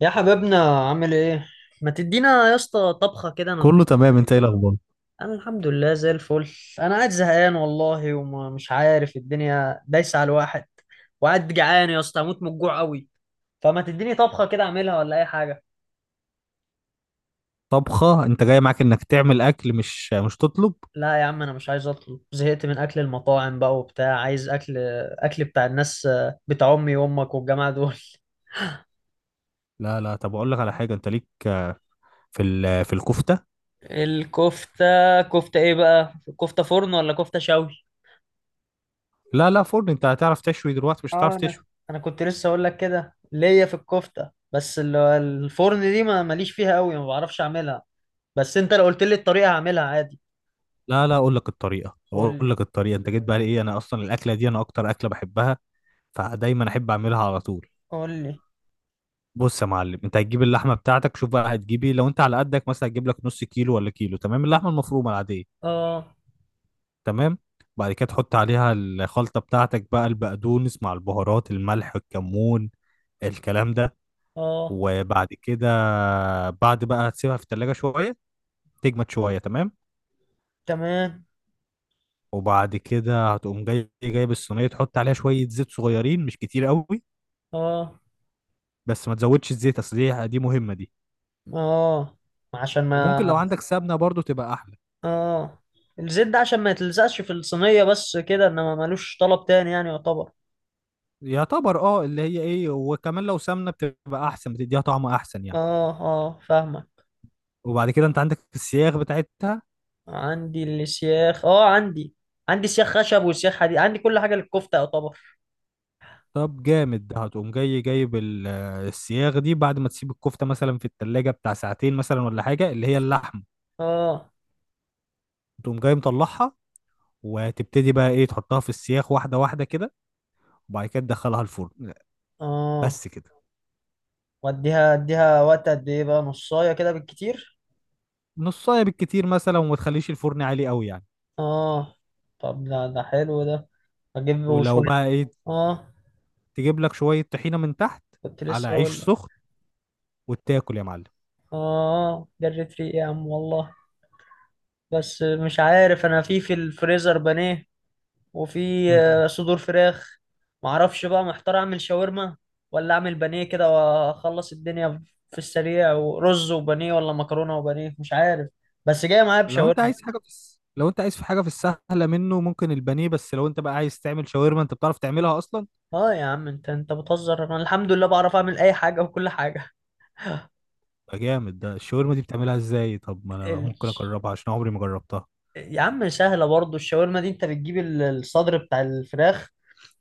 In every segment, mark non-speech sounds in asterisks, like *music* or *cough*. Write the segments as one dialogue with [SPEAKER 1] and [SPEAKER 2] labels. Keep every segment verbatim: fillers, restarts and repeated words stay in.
[SPEAKER 1] يا حبيبنا عامل ايه؟ ما تدينا يا اسطى طبخه كده. انا
[SPEAKER 2] كله تمام، انت ايه الاخبار؟
[SPEAKER 1] انا الحمد لله زي الفل. انا قاعد زهقان والله ومش عارف الدنيا دايسه على الواحد، وقاعد جعان يا اسطى اموت من الجوع قوي، فما تديني طبخه كده اعملها ولا اي حاجه.
[SPEAKER 2] طبخه؟ انت جاي معاك انك تعمل اكل مش مش تطلب؟
[SPEAKER 1] لا يا عم انا مش عايز اطلب، زهقت من اكل المطاعم بقى وبتاع، عايز اكل اكل بتاع الناس، بتاع امي وامك والجماعه دول.
[SPEAKER 2] لا لا، طب اقول لك على حاجه. انت ليك في ال- في الكفته.
[SPEAKER 1] الكفته؟ كفته ايه بقى؟ كفته فرن ولا كفته شوي؟
[SPEAKER 2] لا لا، فرن. انت هتعرف تشوي دلوقتي؟ مش
[SPEAKER 1] اه
[SPEAKER 2] هتعرف
[SPEAKER 1] انا،
[SPEAKER 2] تشوي.
[SPEAKER 1] انا كنت لسه اقول لك كده ليا في الكفته، بس ال- الفرن دي ما ماليش فيها قوي، ما بعرفش اعملها، بس انت لو قلت لي الطريقه هعملها عادي.
[SPEAKER 2] لا لا، اقول لك الطريقه،
[SPEAKER 1] قول
[SPEAKER 2] اقول
[SPEAKER 1] لي.
[SPEAKER 2] لك الطريقه. انت جيت بقى، ايه، انا اصلا الاكله دي انا اكتر اكله بحبها، فدايما احب اعملها على طول.
[SPEAKER 1] قول لي.
[SPEAKER 2] بص يا معلم، انت هتجيب اللحمه بتاعتك، شوف بقى هتجيبي لو انت على قدك مثلا هتجيب لك نص كيلو ولا كيلو، تمام؟ اللحمه المفرومه العاديه،
[SPEAKER 1] اه.
[SPEAKER 2] تمام. بعد كده تحط عليها الخلطه بتاعتك بقى، البقدونس مع البهارات، الملح، الكمون، الكلام ده.
[SPEAKER 1] اه.
[SPEAKER 2] وبعد كده، بعد بقى هتسيبها في التلاجة شوية تجمد شوية، تمام.
[SPEAKER 1] تمام.
[SPEAKER 2] وبعد كده هتقوم جاي جايب الصينية، تحط عليها شوية زيت صغيرين، مش كتير قوي،
[SPEAKER 1] اه.
[SPEAKER 2] بس ما تزودش الزيت اصل دي دي مهمة دي.
[SPEAKER 1] اه، عشان ما.
[SPEAKER 2] وممكن لو عندك سمنة برضو تبقى احلى.
[SPEAKER 1] اه، الزيت ده عشان ما يتلزقش في الصينيه بس كده، انما ملوش طلب تاني يعني، يعتبر.
[SPEAKER 2] يعتبر، اه، اللي هي ايه، وكمان لو سمنة بتبقى احسن، بتديها طعم احسن يعني.
[SPEAKER 1] اه، اه، فاهمك.
[SPEAKER 2] وبعد كده انت عندك السياخ بتاعتها.
[SPEAKER 1] عندي السياخ، اه عندي، عندي سياخ خشب وسياخ حديد، عندي كل حاجه للكفته يعتبر.
[SPEAKER 2] طب جامد، هتقوم جاي جايب ال- السياخ دي بعد ما تسيب الكفتة مثلا في التلاجة بتاع ساعتين مثلا ولا حاجة، اللي هي اللحمة،
[SPEAKER 1] اه.
[SPEAKER 2] تقوم جاي مطلعها وتبتدي بقى ايه، تحطها في السياخ واحده واحده كده، وبعد كده تدخلها الفرن.
[SPEAKER 1] اه.
[SPEAKER 2] بس كده.
[SPEAKER 1] واديها اديها وقت قد ايه بقى؟ نصايه كده بالكتير.
[SPEAKER 2] نصايه بالكتير مثلا، وما تخليش الفرن عالي قوي يعني.
[SPEAKER 1] اه طب ده ده حلو ده. اجيب
[SPEAKER 2] ولو
[SPEAKER 1] وشويه.
[SPEAKER 2] بقى ايه،
[SPEAKER 1] اه
[SPEAKER 2] تجيب لك شويه طحينه من تحت
[SPEAKER 1] كنت
[SPEAKER 2] على
[SPEAKER 1] لسه
[SPEAKER 2] عيش
[SPEAKER 1] اقول لك.
[SPEAKER 2] سخن وتاكل يا معلم.
[SPEAKER 1] اه جريت ريقي يا عم والله، بس مش عارف، انا في في الفريزر بانيه، وفي
[SPEAKER 2] مم.
[SPEAKER 1] آه، صدور فراخ. معرفش بقى، محتار اعمل شاورما ولا اعمل بانيه كده واخلص الدنيا، في السريع ورز وبانيه ولا مكرونه وبانيه، مش عارف، بس جاي معايا
[SPEAKER 2] لو انت
[SPEAKER 1] بشاورما.
[SPEAKER 2] عايز حاجه في الس... لو انت عايز في حاجه في السهله منه، ممكن البانيه. بس لو انت بقى عايز تعمل شاورما، انت بتعرف تعملها اصلا؟
[SPEAKER 1] اه يا عم انت انت بتهزر، انا الحمد لله بعرف اعمل اي حاجه وكل حاجه.
[SPEAKER 2] يبقى جامد. ده الشاورما دي بتعملها ازاي؟ طب ما انا
[SPEAKER 1] ال...
[SPEAKER 2] ممكن اجربها، عشان عمري ما جربتها.
[SPEAKER 1] يا عم سهلة برضو الشاورما دي، انت بتجيب ال- الصدر بتاع الفراخ.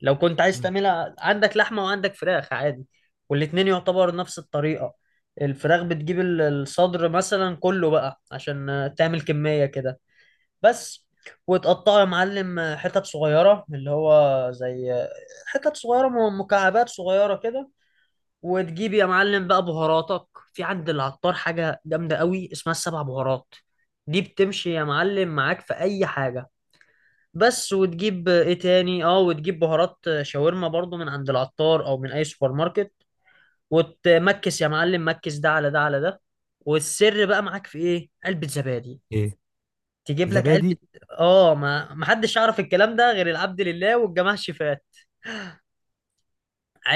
[SPEAKER 1] لو كنت عايز
[SPEAKER 2] مم.
[SPEAKER 1] تعملها عندك لحمة وعندك فراخ عادي، والاتنين يعتبر نفس الطريقة. الفراخ بتجيب ال- الصدر مثلا كله بقى عشان آه، تعمل كمية كده بس. وتقطعه يا معلم آه، حتت صغيرة اللي هو زي آه، حتت صغيرة م- مكعبات صغيرة كده. وتجيب يا معلم بقى بهاراتك، في عند العطار حاجة جامدة قوي اسمها السبع بهارات، دي بتمشي يا معلم معاك في أي حاجة بس. وتجيب ايه تاني، اه وتجيب بهارات شاورما برضو من عند العطار او من اي سوبر ماركت. وتمكس يا معلم مكس، ده على ده على ده. والسر بقى معاك في ايه؟ علبة زبادي.
[SPEAKER 2] ايه؟
[SPEAKER 1] تجيب لك علبة.
[SPEAKER 2] زبادي؟
[SPEAKER 1] اه ما محدش يعرف الكلام ده غير العبد لله والجماعة الشفاة.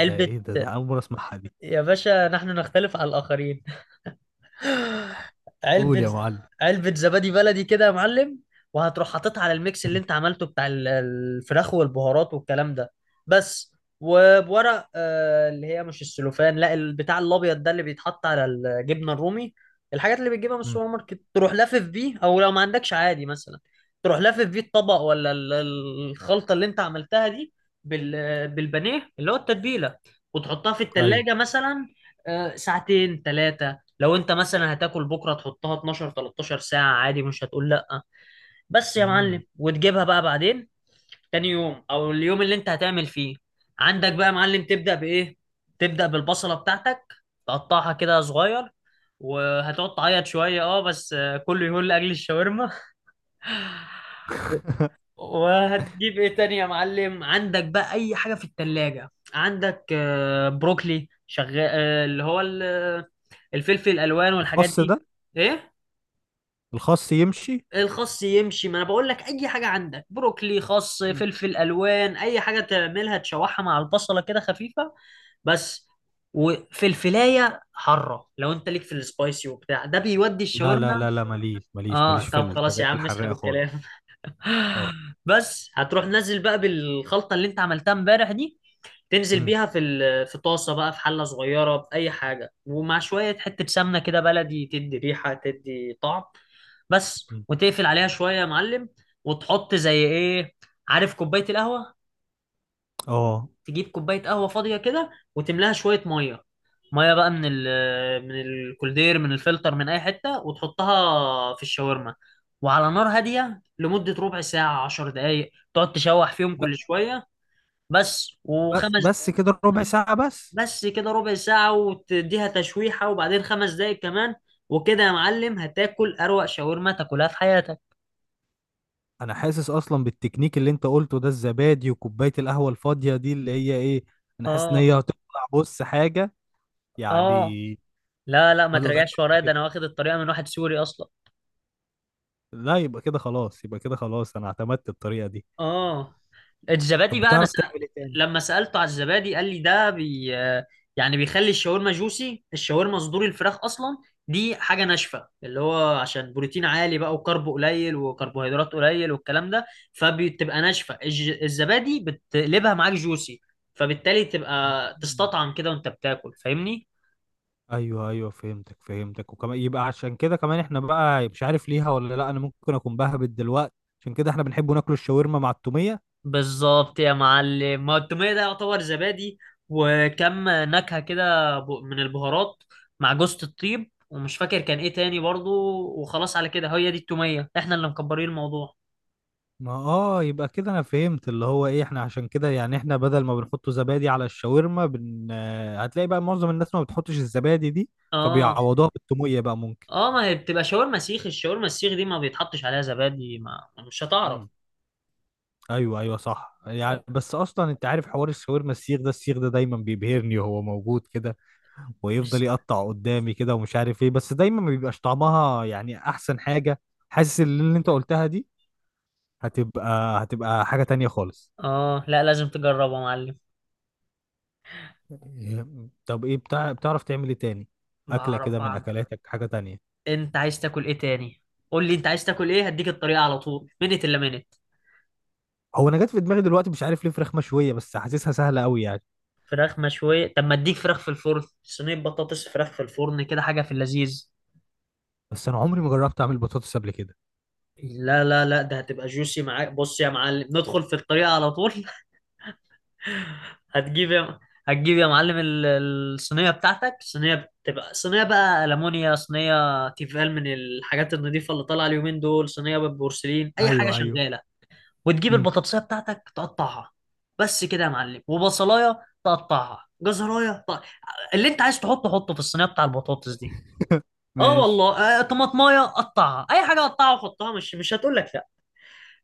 [SPEAKER 2] ده ايه ده ده اول مره اسمعها دي.
[SPEAKER 1] يا باشا نحن نختلف على الآخرين. *gasps*
[SPEAKER 2] قول يا
[SPEAKER 1] علبة.
[SPEAKER 2] معلم.
[SPEAKER 1] علبة زبادي بلدي كده يا معلم، وهتروح حاططها على الميكس اللي
[SPEAKER 2] مم.
[SPEAKER 1] انت عملته بتاع ال- الفراخ والبهارات والكلام ده بس. وبورق آه، اللي هي مش السلوفان، لا البتاع الابيض ده اللي بيتحط على الجبنة الرومي، الحاجات اللي بتجيبها من
[SPEAKER 2] مم.
[SPEAKER 1] السوبر ماركت، تروح لافف بيه، او لو ما عندكش عادي مثلا تروح لافف بيه الطبق، ولا ال- ال- الخلطة اللي انت عملتها دي بال- بالبانيه اللي هو التتبيلة، وتحطها في
[SPEAKER 2] ايوه.
[SPEAKER 1] التلاجة مثلا آه، ساعتين ثلاثة. لو انت مثلا هتاكل بكره تحطها اتناشر تلتاشر ساعه عادي مش هتقول لا. بس يا
[SPEAKER 2] مم.
[SPEAKER 1] معلم، وتجيبها بقى بعدين تاني يوم او اليوم اللي انت هتعمل فيه. عندك بقى يا معلم، تبدا بايه؟ تبدا بالبصله بتاعتك، تقطعها كده صغير، وهتقعد تعيط شويه اه بس، آه، كله يقول لاجل الشاورما.
[SPEAKER 2] *laughs*
[SPEAKER 1] وهتجيب ايه تاني يا معلم؟ عندك بقى اي حاجه في التلاجة، عندك آه، بروكلي شغال، آه، اللي هو ال- الفلفل الالوان والحاجات
[SPEAKER 2] الخاص
[SPEAKER 1] دي.
[SPEAKER 2] ده.
[SPEAKER 1] ايه.
[SPEAKER 2] الخاص يمشي.
[SPEAKER 1] الخس يمشي، ما انا بقول لك اي حاجه عندك، بروكلي خس
[SPEAKER 2] مم.
[SPEAKER 1] فلفل الوان اي حاجه، تعملها تشوحها مع البصله كده خفيفه بس. وفلفلايه حاره لو انت ليك في السبايسي وبتاع، ده بيودي
[SPEAKER 2] لا لا
[SPEAKER 1] الشاورما.
[SPEAKER 2] لا لا، ماليش ماليش
[SPEAKER 1] اه
[SPEAKER 2] ماليش في
[SPEAKER 1] طب خلاص يا
[SPEAKER 2] الحاجات
[SPEAKER 1] عم اسحب
[SPEAKER 2] الحراقه
[SPEAKER 1] الكلام.
[SPEAKER 2] خالص. اه.
[SPEAKER 1] بس هتروح نازل بقى بالخلطة اللي انت عملتها امبارح دي، تنزل
[SPEAKER 2] مم.
[SPEAKER 1] بيها في ال- في طاسة بقى، في حلة صغيرة، بأي حاجة، ومع شوية حتة سمنة كده بلدي، تدي ريحة تدي طعم بس.
[SPEAKER 2] مم.
[SPEAKER 1] وتقفل عليها شوية يا معلم. وتحط زي ايه؟ عارف كوباية القهوة؟
[SPEAKER 2] اه.
[SPEAKER 1] تجيب كوبايه قهوه فاضيه كده، وتملاها شويه ميه. ميه بقى من ال، من الكولدير من الفلتر من اي حته، وتحطها في الشاورما، وعلى نار هاديه لمده ربع ساعه عشر دقايق، تقعد تشوح فيهم
[SPEAKER 2] ب-
[SPEAKER 1] كل شويه بس.
[SPEAKER 2] ب-
[SPEAKER 1] وخمس.
[SPEAKER 2] بس كده، ربع ساعه بس؟
[SPEAKER 1] بس كده ربع ساعه، وتديها تشويحه وبعدين خمس دقايق كمان، وكده يا معلم هتاكل اروق شاورما تاكلها في حياتك.
[SPEAKER 2] انا حاسس اصلا بالتكنيك اللي انت قلته ده، الزبادي وكوبايه القهوه الفاضيه دي، اللي هي ايه، انا حاسس ان
[SPEAKER 1] اه.
[SPEAKER 2] هي هتطلع، بص، حاجه
[SPEAKER 1] اه
[SPEAKER 2] يعني.
[SPEAKER 1] لا لا ما
[SPEAKER 2] ما تقدرش
[SPEAKER 1] تراجعش
[SPEAKER 2] تقول
[SPEAKER 1] ورايا، ده
[SPEAKER 2] كده.
[SPEAKER 1] انا واخد الطريقه من واحد سوري اصلا.
[SPEAKER 2] لا، يبقى كده خلاص، يبقى كده خلاص، انا اعتمدت الطريقه دي.
[SPEAKER 1] اه الزبادي
[SPEAKER 2] طب
[SPEAKER 1] بقى انا
[SPEAKER 2] بتعرف
[SPEAKER 1] سأ...
[SPEAKER 2] تعمل ايه تاني؟
[SPEAKER 1] لما سالته على الزبادي قال لي ده بي... آه، يعني بيخلي الشاورما جوسي، الشاورما صدور الفراخ اصلا دي حاجه ناشفه، اللي هو عشان بروتين عالي بقى وكرب قليل وكربوهيدرات قليل والكلام ده، فبتبقى ناشفه، الج... الزبادي بتقلبها معاك جوسي، فبالتالي تبقى
[SPEAKER 2] مم.
[SPEAKER 1] تستطعم كده وانت بتاكل، فاهمني.
[SPEAKER 2] ايوه ايوه، فهمتك فهمتك. وكمان يبقى عشان كده، كمان احنا بقى، مش عارف ليها ولا لا، انا ممكن اكون بهبت دلوقتي، عشان كده احنا بنحب ناكل الشاورما مع التوميه.
[SPEAKER 1] بالظبط يا معلم، ما التومية ده يعتبر زبادي، وكم نكهة كده ب- من البهارات، مع جوزة الطيب ومش فاكر كان ايه تاني برضو، وخلاص على كده، هي دي التومية، احنا اللي مكبرين الموضوع.
[SPEAKER 2] ما اه، يبقى كده انا فهمت اللي هو ايه، احنا عشان كده يعني، احنا بدل ما بنحط زبادي على الشاورما بن... آه، هتلاقي بقى معظم الناس ما بتحطش الزبادي دي،
[SPEAKER 1] اه.
[SPEAKER 2] فبيعوضوها بالتوميه بقى، ممكن.
[SPEAKER 1] اه ما هي بتبقى شاورما سيخ، الشاورما السيخ دي ما بيتحطش عليها زبادي، ما مش هتعرف.
[SPEAKER 2] ايوه ايوه صح يعني. بس اصلا انت عارف، حوار الشاورما السيخ ده، السيخ ده دايما بيبهرني وهو موجود كده، ويفضل
[SPEAKER 1] بس-
[SPEAKER 2] يقطع قدامي كده ومش عارف ايه، بس دايما ما بيبقاش طعمها يعني احسن حاجة. حاسس ان اللي انت قلتها دي هتبقى هتبقى حاجة تانية خالص.
[SPEAKER 1] اه لا لازم تجربها يا معلم.
[SPEAKER 2] إيه، طب ايه بتاع، بتعرف تعمل ايه تاني، اكلة كده
[SPEAKER 1] بعرف
[SPEAKER 2] من
[SPEAKER 1] اعمل.
[SPEAKER 2] اكلاتك، حاجة تانية؟
[SPEAKER 1] انت عايز تاكل ايه تاني؟ قول لي انت عايز تاكل ايه، هديك الطريقة على طول، منت الا منت.
[SPEAKER 2] هو انا جت في دماغي دلوقتي مش عارف ليه فراخ مشوية، بس حاسسها سهلة قوي يعني.
[SPEAKER 1] فراخ مشوية، طب ما اديك فراخ في الفرن، صينية بطاطس فراخ في الفرن كده، حاجة في اللذيذ.
[SPEAKER 2] بس انا عمري ما جربت اعمل بطاطس قبل كده.
[SPEAKER 1] لا لا لا ده هتبقى جوسي معاك، بص يا معلم ندخل في الطريقة على طول. *laughs* هتجيب يا هتجيب يا معلم ال- الصينية بتاعتك، صينية بتبقى صينية بقى ألمونيا، صينية تيفال من الحاجات النظيفة اللي طالعة اليومين دول، صينية بالبورسلين، أي حاجة
[SPEAKER 2] ايوه ايوه.
[SPEAKER 1] شغالة. وتجيب
[SPEAKER 2] مم.
[SPEAKER 1] البطاطسية بتاعتك تقطعها بس كده يا معلم، وبصلاية تقطعها، جزراية تقطع. اللي انت عايز تحطه حطه في الصينية بتاع البطاطس دي.
[SPEAKER 2] *laughs*
[SPEAKER 1] اه
[SPEAKER 2] ماشي.
[SPEAKER 1] والله آه، طماطمايه قطعها، اي حاجه قطعها وحطها، مش مش هتقول لك لا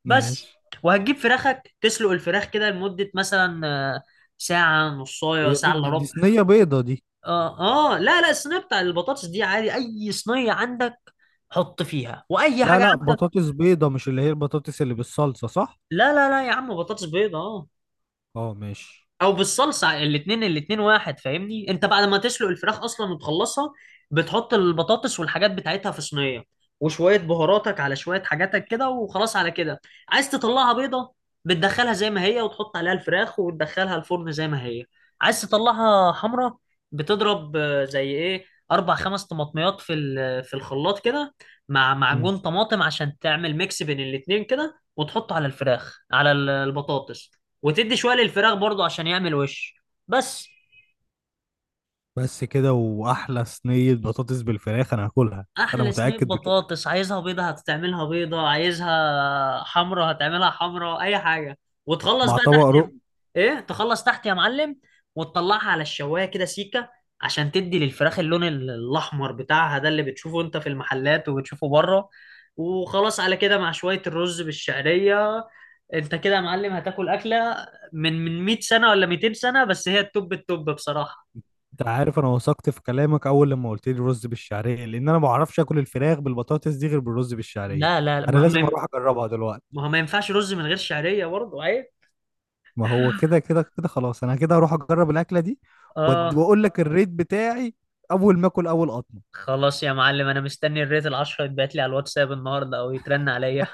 [SPEAKER 2] ماشي.
[SPEAKER 1] بس. وهتجيب فراخك تسلق الفراخ كده لمده مثلا آه، ساعه نصايه
[SPEAKER 2] هي دي,
[SPEAKER 1] ساعه الا
[SPEAKER 2] دي, دي
[SPEAKER 1] ربع.
[SPEAKER 2] صينية بيضة دي؟
[SPEAKER 1] اه. اه لا لا، الصينيه بتاع البطاطس دي عادي اي صينيه عندك، حط فيها واي
[SPEAKER 2] لا
[SPEAKER 1] حاجه
[SPEAKER 2] لا،
[SPEAKER 1] عندك.
[SPEAKER 2] بطاطس بيضة، مش اللي هي البطاطس اللي بالصلصة، صح؟
[SPEAKER 1] لا لا لا يا عم، بطاطس بيضه اه.
[SPEAKER 2] اه ماشي.
[SPEAKER 1] او بالصلصه، الاثنين الاثنين واحد فاهمني، انت بعد ما تسلق الفراخ اصلا وتخلصها، بتحط البطاطس والحاجات بتاعتها في صينيه، وشويه بهاراتك على شويه حاجاتك كده، وخلاص على كده. عايز تطلعها بيضه، بتدخلها زي ما هي وتحط عليها الفراخ وتدخلها الفرن زي ما هي. عايز تطلعها حمرا، بتضرب آه، زي ايه، اربع خمس طماطميات في ال- في الخلاط كده، مع
[SPEAKER 2] مم.
[SPEAKER 1] معجون طماطم، عشان تعمل ميكس بين الاتنين كده، وتحطه على الفراخ على ال- البطاطس وتدي شويه للفراخ برضو عشان يعمل وش بس.
[SPEAKER 2] بس كده، وأحلى صينية بطاطس بالفراخ أنا هاكلها. أنا
[SPEAKER 1] احلى صينيه
[SPEAKER 2] متأكد بكده.
[SPEAKER 1] بطاطس، عايزها بيضه هتعملها بيضه، عايزها حمرا هتعملها حمرا، اي حاجه. وتخلص
[SPEAKER 2] مع
[SPEAKER 1] بقى
[SPEAKER 2] طبق
[SPEAKER 1] تحت
[SPEAKER 2] رق.
[SPEAKER 1] يا-، ايه تخلص تحت يا معلم، وتطلعها على الشوايه كده سيكه، عشان تدي للفراخ اللون ال- الاحمر بتاعها ده اللي بتشوفه انت في المحلات وبتشوفه بره، وخلاص على كده مع شويه الرز بالشعريه. انت كده يا معلم هتاكل اكله من من مئة سنه ولا مئتين سنه، بس هي التوب التوب بصراحه.
[SPEAKER 2] أنت عارف أنا وثقت في كلامك أول لما قلت لي رز بالشعرية، لأن أنا ما بعرفش آكل الفراخ بالبطاطس دي غير بالرز بالشعرية.
[SPEAKER 1] لا لا لا،
[SPEAKER 2] أنا
[SPEAKER 1] ما هو ما
[SPEAKER 2] لازم
[SPEAKER 1] ين-
[SPEAKER 2] أروح أجربها دلوقتي.
[SPEAKER 1] ما هو ما ينفعش رز من غير شعرية برضه عيب.
[SPEAKER 2] ما هو كده كده كده خلاص، أنا كده هروح أجرب الأكلة دي وأد-
[SPEAKER 1] اه
[SPEAKER 2] وأقول لك الريت بتاعي أول ما آكل أول قطمة.
[SPEAKER 1] خلاص يا معلم انا مستني الريت العشرة يتبعت لي على الواتساب النهارده او يترن عليا.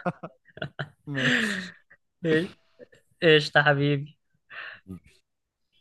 [SPEAKER 1] *laughs*
[SPEAKER 2] ماشي.
[SPEAKER 1] ايش. إيش يا حبيبي.